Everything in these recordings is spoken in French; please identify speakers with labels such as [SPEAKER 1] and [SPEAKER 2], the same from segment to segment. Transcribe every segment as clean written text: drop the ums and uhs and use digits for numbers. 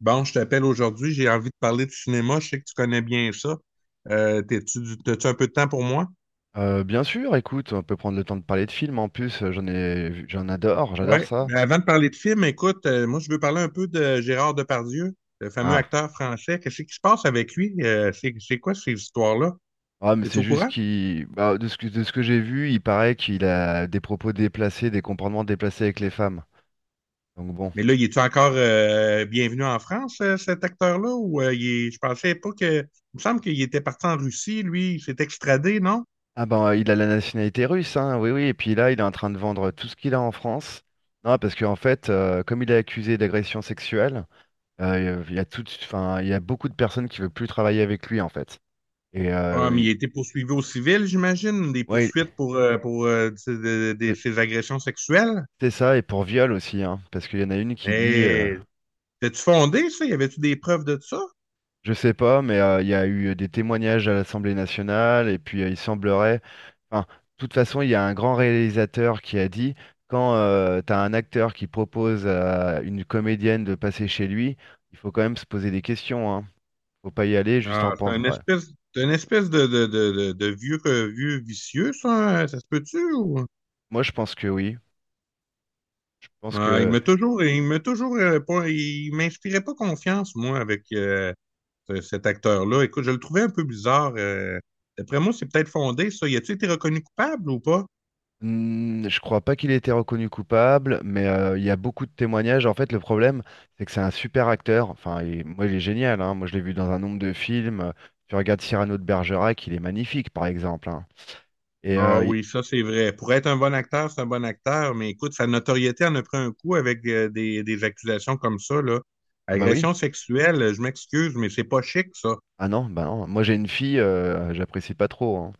[SPEAKER 1] Bon, je t'appelle aujourd'hui, j'ai envie de parler de cinéma. Je sais que tu connais bien ça. T'as-tu un peu de temps pour moi?
[SPEAKER 2] Bien sûr, écoute, on peut prendre le temps de parler de films. En plus, j'en ai, vu- j'en adore,
[SPEAKER 1] Oui.
[SPEAKER 2] j'adore ça.
[SPEAKER 1] Mais avant de parler de film, écoute, moi, je veux parler un peu de Gérard Depardieu, le fameux
[SPEAKER 2] Ah,
[SPEAKER 1] acteur français. Qu'est-ce qui se passe avec lui? C'est quoi ces histoires-là?
[SPEAKER 2] ah, mais
[SPEAKER 1] Es-tu
[SPEAKER 2] c'est
[SPEAKER 1] au
[SPEAKER 2] juste
[SPEAKER 1] courant?
[SPEAKER 2] bah, de ce que j'ai vu, il paraît qu'il a des propos déplacés, des comportements déplacés avec les femmes. Donc bon.
[SPEAKER 1] Mais là, il est encore bienvenu en France, cet acteur-là? Je pensais pas que. Il me semble qu'il était parti en Russie, lui, il s'est extradé, non?
[SPEAKER 2] Ah ben, il a la nationalité russe, hein, oui, oui. Et puis là, il est en train de vendre tout ce qu'il a en France. Non, parce qu'en fait, comme il est accusé d'agression sexuelle, il y a tout, enfin, il y a beaucoup de personnes qui veulent plus travailler avec lui, en fait. Et
[SPEAKER 1] Ah,
[SPEAKER 2] euh,
[SPEAKER 1] mais
[SPEAKER 2] il-
[SPEAKER 1] il a été poursuivi au civil, j'imagine, des
[SPEAKER 2] ouais.
[SPEAKER 1] poursuites pour ses agressions sexuelles.
[SPEAKER 2] C'est ça, et pour viol aussi, hein, parce qu'il y en a une qui dit,
[SPEAKER 1] Et t'as-tu fondé ça? Y avait-tu des preuves de ça?
[SPEAKER 2] je sais pas, mais il y a eu des témoignages à l'Assemblée nationale, et puis il semblerait, enfin, de toute façon, il y a un grand réalisateur qui a dit, quand t'as un acteur qui propose à une comédienne de passer chez lui, il faut quand même se poser des questions, hein. Faut pas y aller juste en
[SPEAKER 1] Ah,
[SPEAKER 2] pensant. Ouais.
[SPEAKER 1] c'est une espèce de vieux, vieux vicieux, ça, hein? Ça se peut-tu? Ou-
[SPEAKER 2] Moi, je pense que oui. Je pense
[SPEAKER 1] ah,
[SPEAKER 2] que
[SPEAKER 1] il m'inspirait pas confiance, moi, avec cet acteur-là. Écoute, je le trouvais un peu bizarre. D'après moi, c'est peut-être fondé, ça. Y a-tu été reconnu coupable ou pas?
[SPEAKER 2] Hmm, Je crois pas qu'il ait été reconnu coupable, mais il y a beaucoup de témoignages. En fait, le problème, c'est que c'est un super acteur. Enfin, moi, il est génial. Hein. Moi, je l'ai vu dans un nombre de films. Tu regardes Cyrano de Bergerac, il est magnifique, par exemple. Hein. Et
[SPEAKER 1] Ah
[SPEAKER 2] euh, il-
[SPEAKER 1] oui, ça c'est vrai. Pour être un bon acteur, c'est un bon acteur, mais écoute, sa notoriété en a pris un coup avec des accusations comme ça, là.
[SPEAKER 2] ah bah oui,
[SPEAKER 1] Agression sexuelle, je m'excuse, mais c'est pas chic, ça.
[SPEAKER 2] ah non, bah non. Moi, j'ai une fille, j'apprécie pas trop. Hein.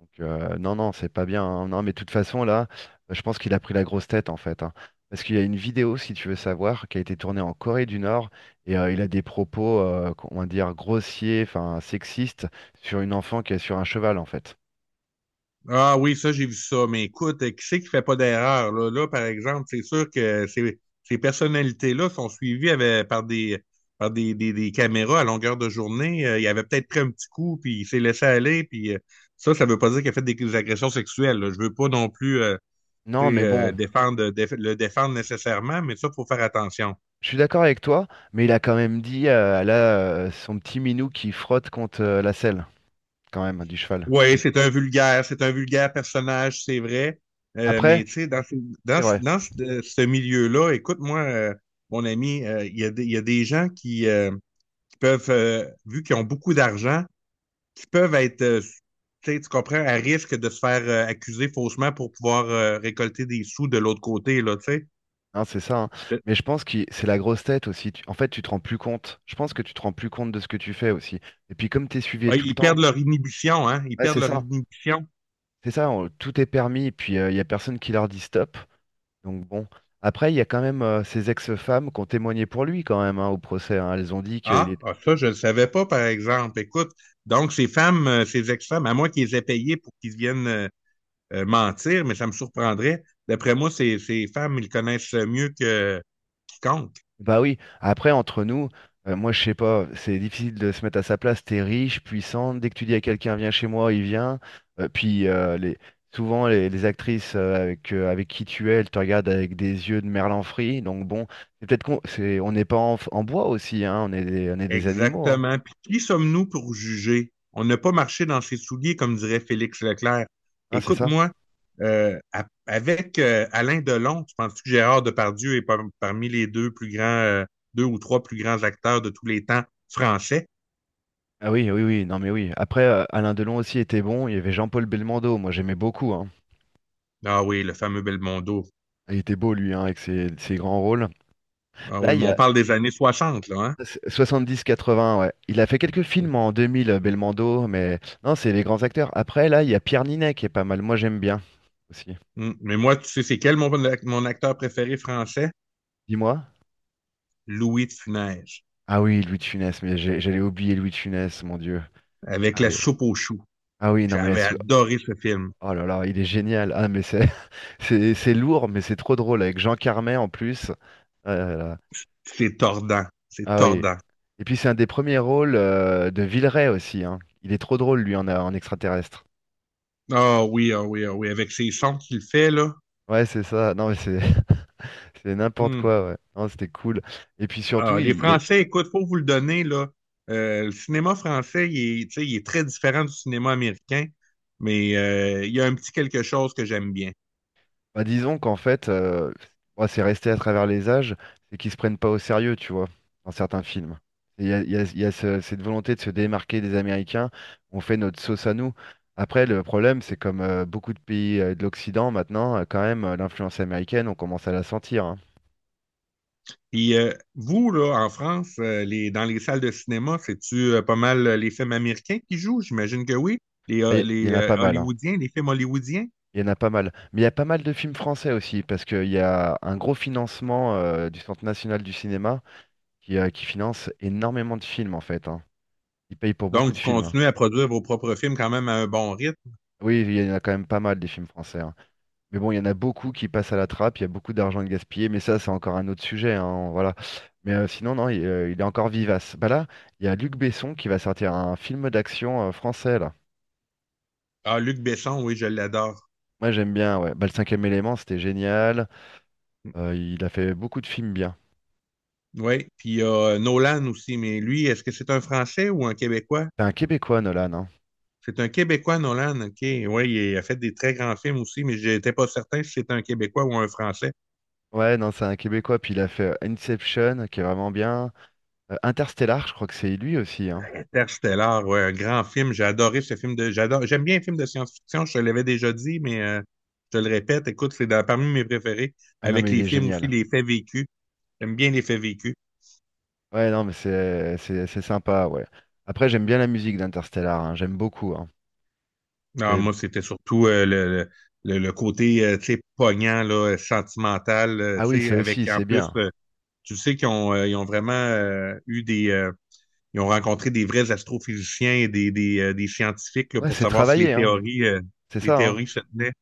[SPEAKER 2] Donc, non, non, c'est pas bien. Hein. Non, mais de toute façon, là, je pense qu'il a pris la grosse tête, en fait. Hein. Parce qu'il y a une vidéo, si tu veux savoir, qui a été tournée en Corée du Nord, et il a des propos, qu'on va dire, grossiers, enfin, sexistes, sur une enfant qui est sur un cheval, en fait.
[SPEAKER 1] Ah oui, ça, j'ai vu ça, mais écoute, qui c'est qui fait pas d'erreur, là? Là, par exemple, c'est sûr que ces personnalités-là sont suivies par des des, caméras à longueur de journée. Il avait peut-être pris un petit coup, puis il s'est laissé aller, puis ça veut pas dire qu'il a fait des agressions sexuelles, là. Je veux pas non plus
[SPEAKER 2] Non, mais bon,
[SPEAKER 1] défendre, déf le défendre nécessairement, mais ça, il faut faire attention.
[SPEAKER 2] je suis d'accord avec toi, mais il a quand même dit, là, son petit minou qui frotte contre la selle, quand même, hein, du cheval.
[SPEAKER 1] Oui,
[SPEAKER 2] Et
[SPEAKER 1] c'est un vulgaire personnage, c'est vrai. Mais
[SPEAKER 2] après,
[SPEAKER 1] tu sais, dans, ce- dans,
[SPEAKER 2] c'est
[SPEAKER 1] ce-
[SPEAKER 2] vrai.
[SPEAKER 1] dans ce, euh, ce milieu-là, écoute-moi, mon ami, il y a des gens qui peuvent, vu qu'ils ont beaucoup d'argent, qui peuvent être, tu sais, tu comprends, à risque de se faire accuser faussement pour pouvoir récolter des sous de l'autre côté, là, tu sais.
[SPEAKER 2] Hein, c'est ça, hein.
[SPEAKER 1] Je-
[SPEAKER 2] Mais je pense que c'est la grosse tête aussi. En fait, tu te rends plus compte. Je pense que tu te rends plus compte de ce que tu fais aussi. Et puis comme tu es suivi
[SPEAKER 1] ouais,
[SPEAKER 2] tout le
[SPEAKER 1] ils
[SPEAKER 2] temps,
[SPEAKER 1] perdent leur inhibition, hein? Ils
[SPEAKER 2] ouais,
[SPEAKER 1] perdent
[SPEAKER 2] c'est
[SPEAKER 1] leur
[SPEAKER 2] ça.
[SPEAKER 1] inhibition.
[SPEAKER 2] C'est ça, tout est permis. Et puis il n'y a personne qui leur dit stop. Donc bon. Après, il y a quand même ces ex-femmes qui ont témoigné pour lui quand même hein, au procès. Hein. Elles ont dit qu'il
[SPEAKER 1] Ah,
[SPEAKER 2] était
[SPEAKER 1] ah, ça, je ne le savais pas, par exemple. Écoute, donc ces femmes, ces ex-femmes, à moins qu'ils les aient payées pour qu'ils viennent mentir, mais ça me surprendrait. D'après moi, ces femmes, ils connaissent mieux que quiconque.
[SPEAKER 2] Bah oui, après entre nous, moi je sais pas, c'est difficile de se mettre à sa place, t'es riche, puissant, dès que tu dis à quelqu'un viens chez moi, il vient. Puis souvent les actrices avec, avec qui tu es, elles te regardent avec des yeux de merlan frit, donc bon, c'est peut-être on n'est pas en, en bois aussi, hein, on est des animaux, hein.
[SPEAKER 1] Exactement. Puis qui sommes-nous pour juger? On n'a pas marché dans ses souliers, comme dirait Félix Leclerc.
[SPEAKER 2] Hein, c'est ça?
[SPEAKER 1] Écoute-moi, avec Alain Delon, tu penses que Gérard Depardieu est parmi les deux plus grands, deux ou trois plus grands acteurs de tous les temps français?
[SPEAKER 2] Ah oui, oui, oui, non mais oui. Après, Alain Delon aussi était bon, il y avait Jean-Paul Belmondo, moi j'aimais beaucoup, hein.
[SPEAKER 1] Ah oui, le fameux Belmondo.
[SPEAKER 2] Il était beau lui, hein, avec ses grands rôles.
[SPEAKER 1] Ah
[SPEAKER 2] Là,
[SPEAKER 1] oui, mais on parle des années 60 là, hein?
[SPEAKER 2] soixante-dix quatre-vingts, ouais. Il a fait quelques films en 2000, Belmondo, mais non, c'est les grands acteurs. Après, là, il y a Pierre Ninet qui est pas mal. Moi, j'aime bien aussi.
[SPEAKER 1] Mm. Mais moi, tu sais, c'est quel mon acteur préféré français?
[SPEAKER 2] Dis-moi.
[SPEAKER 1] Louis de Funès,
[SPEAKER 2] Ah oui, Louis de Funès, mais j'allais oublier Louis de Funès, mon Dieu.
[SPEAKER 1] avec
[SPEAKER 2] Ah
[SPEAKER 1] la
[SPEAKER 2] oui.
[SPEAKER 1] soupe aux choux.
[SPEAKER 2] Ah oui, non, mais
[SPEAKER 1] J'avais adoré ce film.
[SPEAKER 2] oh là là, il est génial. Ah, mais c'est c'est lourd, mais c'est trop drôle avec Jean Carmet en plus. Ah là là.
[SPEAKER 1] C'est tordant. C'est
[SPEAKER 2] Ah oui.
[SPEAKER 1] tordant.
[SPEAKER 2] Et puis, c'est un des premiers rôles de Villeray aussi, hein. Il est trop drôle, lui, en extraterrestre.
[SPEAKER 1] Ah oui, ah oui, ah oui. Avec ces sons qu'il fait, là.
[SPEAKER 2] Ouais, c'est ça. Non, mais c'est n'importe
[SPEAKER 1] Hmm.
[SPEAKER 2] quoi, ouais. Non, c'était cool. Et puis surtout,
[SPEAKER 1] Ah, les Français, écoute, faut vous le donner, là. Le cinéma français, il est, tu sais, il est très différent du cinéma américain, mais il y a un petit quelque chose que j'aime bien.
[SPEAKER 2] bah, disons qu'en fait, bon, c'est resté à travers les âges, c'est qu'ils se prennent pas au sérieux, tu vois, dans certains films. Et il y a cette volonté de se démarquer des Américains, on fait notre sauce à nous. Après, le problème, c'est comme beaucoup de pays de l'Occident maintenant, quand même, l'influence américaine, on commence à la sentir. Hein.
[SPEAKER 1] Puis vous, là, en France, dans les salles de cinéma, c'est-tu pas mal les films américains qui jouent? J'imagine que oui. Les,
[SPEAKER 2] Ah,
[SPEAKER 1] euh,
[SPEAKER 2] il y
[SPEAKER 1] les
[SPEAKER 2] en a pas
[SPEAKER 1] euh,
[SPEAKER 2] mal, hein.
[SPEAKER 1] Hollywoodiens, les films hollywoodiens.
[SPEAKER 2] Il y en a pas mal. Mais il y a pas mal de films français aussi, parce qu'il y a un gros financement du Centre national du cinéma, qui finance énormément de films en fait. Hein. Il paye pour beaucoup
[SPEAKER 1] Donc,
[SPEAKER 2] de
[SPEAKER 1] vous
[SPEAKER 2] films. Hein.
[SPEAKER 1] continuez à produire vos propres films quand même à un bon rythme.
[SPEAKER 2] Oui, il y en a quand même pas mal des films français. Hein. Mais bon, il y en a beaucoup qui passent à la trappe, il y a beaucoup d'argent de gaspillé, mais ça, c'est encore un autre sujet. Hein, voilà. Mais sinon, non, il est encore vivace. Bah là, il y a Luc Besson qui va sortir un film d'action français, là.
[SPEAKER 1] Ah, Luc Besson, oui, je l'adore.
[SPEAKER 2] Moi, j'aime bien, ouais. Bah, le cinquième élément, c'était génial. Il a fait beaucoup de films bien.
[SPEAKER 1] Oui. Puis il y a Nolan aussi, mais lui, est-ce que c'est un Français ou un Québécois?
[SPEAKER 2] C'est un Québécois, Nolan, hein.
[SPEAKER 1] C'est un Québécois, Nolan, OK. Oui, il a fait des très grands films aussi, mais j'étais pas certain si c'était un Québécois ou un Français.
[SPEAKER 2] Ouais, non, c'est un Québécois, puis il a fait Inception, qui est vraiment bien. Interstellar, je crois que c'est lui aussi, hein.
[SPEAKER 1] Interstellar, ouais, un grand film. J'ai adoré ce film de. J'adore. J'aime bien les films de science-fiction. Je te l'avais déjà dit, mais je te le répète. Écoute, c'est dans- parmi mes préférés.
[SPEAKER 2] Ah non, mais
[SPEAKER 1] Avec
[SPEAKER 2] il
[SPEAKER 1] les
[SPEAKER 2] est
[SPEAKER 1] films aussi,
[SPEAKER 2] génial.
[SPEAKER 1] les faits vécus. J'aime bien les faits vécus.
[SPEAKER 2] Ouais, non, mais c'est sympa, ouais. Après, j'aime bien la musique d'Interstellar, hein, j'aime beaucoup, hein.
[SPEAKER 1] Non,
[SPEAKER 2] J'ai-
[SPEAKER 1] moi, c'était surtout euh, le côté, tu sais, poignant, là, sentimental,
[SPEAKER 2] Ah oui,
[SPEAKER 1] tu sais,
[SPEAKER 2] ça
[SPEAKER 1] avec
[SPEAKER 2] aussi,
[SPEAKER 1] en
[SPEAKER 2] c'est
[SPEAKER 1] plus,
[SPEAKER 2] bien.
[SPEAKER 1] tu sais qu'ils ont, ils ont vraiment eu des. Ils ont rencontré des vrais astrophysiciens et des scientifiques là,
[SPEAKER 2] Ouais,
[SPEAKER 1] pour
[SPEAKER 2] c'est
[SPEAKER 1] savoir si
[SPEAKER 2] travaillé,
[SPEAKER 1] les
[SPEAKER 2] hein.
[SPEAKER 1] théories,
[SPEAKER 2] C'est
[SPEAKER 1] les
[SPEAKER 2] ça, hein.
[SPEAKER 1] théories se tenaient.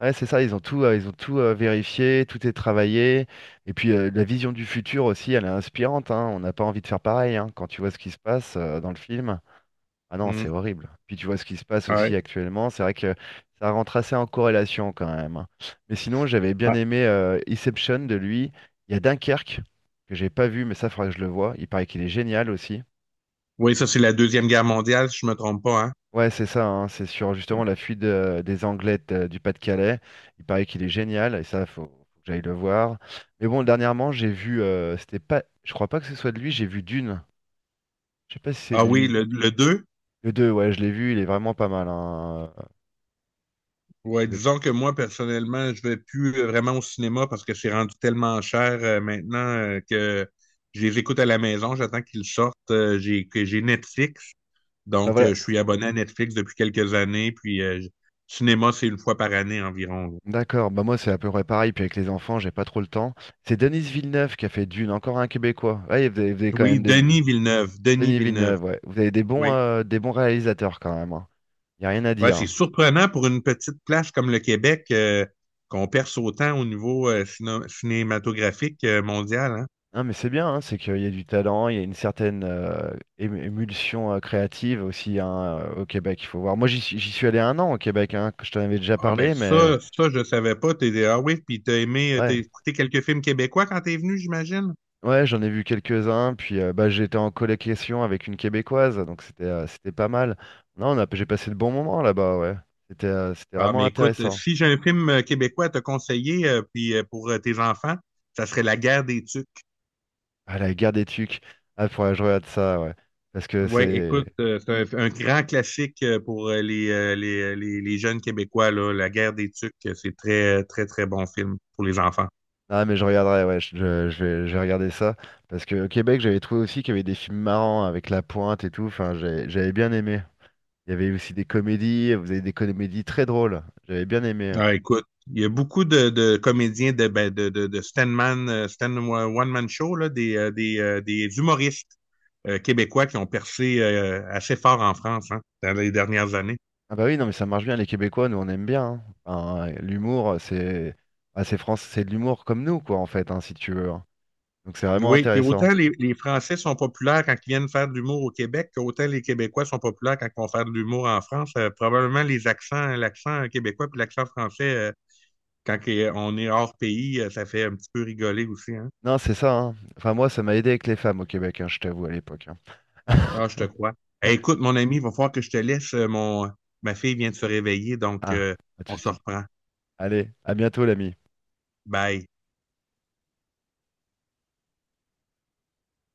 [SPEAKER 2] Ouais, c'est ça, ils ont tout vérifié, tout est travaillé. Et puis, la vision du futur aussi, elle est inspirante, hein. On n'a pas envie de faire pareil, hein, quand tu vois ce qui se passe dans le film. Ah non, c'est
[SPEAKER 1] Mm.
[SPEAKER 2] horrible. Puis tu vois ce qui se passe
[SPEAKER 1] Ouais.
[SPEAKER 2] aussi actuellement, c'est vrai que ça rentre assez en corrélation quand même. Hein. Mais sinon, j'avais bien aimé Inception de lui. Il y a Dunkerque, que j'ai pas vu, mais ça, faudra que je le voie. Il paraît qu'il est génial aussi.
[SPEAKER 1] Oui, ça, c'est la Deuxième Guerre mondiale, si je me trompe pas, hein?
[SPEAKER 2] Ouais, c'est ça, hein, c'est sur
[SPEAKER 1] Mm.
[SPEAKER 2] justement la fuite des Anglais du Pas-de-Calais. Il paraît qu'il est génial, et ça, faut que j'aille le voir. Mais bon, dernièrement, j'ai vu, c'était pas, je crois pas que ce soit de lui, j'ai vu Dune. Je sais pas si c'est
[SPEAKER 1] Ah
[SPEAKER 2] de
[SPEAKER 1] oui,
[SPEAKER 2] lui.
[SPEAKER 1] le deux.
[SPEAKER 2] Le 2, ouais, je l'ai vu, il est vraiment pas mal. Hein,
[SPEAKER 1] Ouais,
[SPEAKER 2] avec-
[SPEAKER 1] disons que moi, personnellement, je vais plus vraiment au cinéma parce que c'est rendu tellement cher maintenant que je les écoute à la maison, j'attends qu'ils sortent. Que j'ai Netflix,
[SPEAKER 2] ah,
[SPEAKER 1] donc
[SPEAKER 2] voilà.
[SPEAKER 1] je suis abonné à Netflix depuis quelques années, cinéma, c'est une fois par année environ.
[SPEAKER 2] D'accord, bah moi c'est à peu près pareil, puis avec les enfants, j'ai pas trop le temps. C'est Denis Villeneuve qui a fait Dune, encore un Québécois. Ouais, vous avez quand
[SPEAKER 1] Oui,
[SPEAKER 2] même des...
[SPEAKER 1] Denis Villeneuve, Denis
[SPEAKER 2] Denis
[SPEAKER 1] Villeneuve.
[SPEAKER 2] Villeneuve, ouais. Vous avez des bons,
[SPEAKER 1] Oui.
[SPEAKER 2] réalisateurs quand même. Hein. Y a rien à
[SPEAKER 1] Ouais,
[SPEAKER 2] dire.
[SPEAKER 1] c'est
[SPEAKER 2] Hein.
[SPEAKER 1] surprenant pour une petite place comme le Québec qu'on perce autant au niveau cinématographique mondial. Hein.
[SPEAKER 2] Non mais c'est bien, hein, c'est qu'il y a du talent, il y a une certaine émulsion créative aussi hein, au Québec, il faut voir. Moi j'y suis allé un an au Québec, hein, que je t'en avais déjà
[SPEAKER 1] Ah ben
[SPEAKER 2] parlé, mais
[SPEAKER 1] ça je savais pas. T'es ah oui, puis t'as aimé, t'as
[SPEAKER 2] ouais.
[SPEAKER 1] écouté quelques films québécois quand t'es venu, j'imagine.
[SPEAKER 2] Ouais, j'en ai vu quelques-uns, puis bah, j'étais en colocation avec une Québécoise, donc c'était pas mal. Non, j'ai passé de bons moments là-bas, ouais. C'était
[SPEAKER 1] Ah
[SPEAKER 2] vraiment
[SPEAKER 1] mais écoute,
[SPEAKER 2] intéressant.
[SPEAKER 1] si j'ai un film québécois à te conseiller, puis pour tes enfants, ça serait La Guerre des Tucs.
[SPEAKER 2] Ah, la guerre des Tucs. Ah, faudrait que je regarde ça, ouais. Parce que
[SPEAKER 1] Ouais,
[SPEAKER 2] c'est...
[SPEAKER 1] écoute, c'est un grand classique pour les jeunes Québécois là, La Guerre des Tucs. Euh, c'est très très très bon film pour les enfants.
[SPEAKER 2] Ah, mais je regarderai, ouais, je vais regarder ça. Parce que au Québec, j'avais trouvé aussi qu'il y avait des films marrants avec La Pointe et tout, enfin, j'avais bien aimé. Il y avait aussi des comédies, vous avez des comédies très drôles. J'avais bien aimé.
[SPEAKER 1] Ah, écoute, il y a beaucoup de comédiens de, ben, de Stanman, Stan One Man Show, là, des humoristes québécois qui ont percé assez fort en France hein, dans les dernières années.
[SPEAKER 2] Ah bah oui, non mais ça marche bien, les Québécois, nous on aime bien. Hein. Enfin, l'humour, c'est France, c'est de l'humour comme nous, quoi, en fait, hein, si tu veux. Hein. Donc c'est vraiment
[SPEAKER 1] Oui, puis
[SPEAKER 2] intéressant.
[SPEAKER 1] autant les Français sont populaires quand ils viennent faire de l'humour au Québec, qu'autant les Québécois sont populaires quand ils vont faire de l'humour en France. Probablement les accents, l'accent québécois puis l'accent français, on est hors pays, ça fait un petit peu rigoler aussi. Hein.
[SPEAKER 2] Non, c'est ça, hein. Enfin moi, ça m'a aidé avec les femmes au Québec, hein, je t'avoue, à l'époque. Hein.
[SPEAKER 1] Non, je te crois. Eh, écoute, mon ami, il va falloir que je te laisse. Euh, mon... Ma fille vient de se réveiller, donc
[SPEAKER 2] Ah, pas de
[SPEAKER 1] on se
[SPEAKER 2] souci.
[SPEAKER 1] reprend.
[SPEAKER 2] Allez, à bientôt l'ami.
[SPEAKER 1] Bye.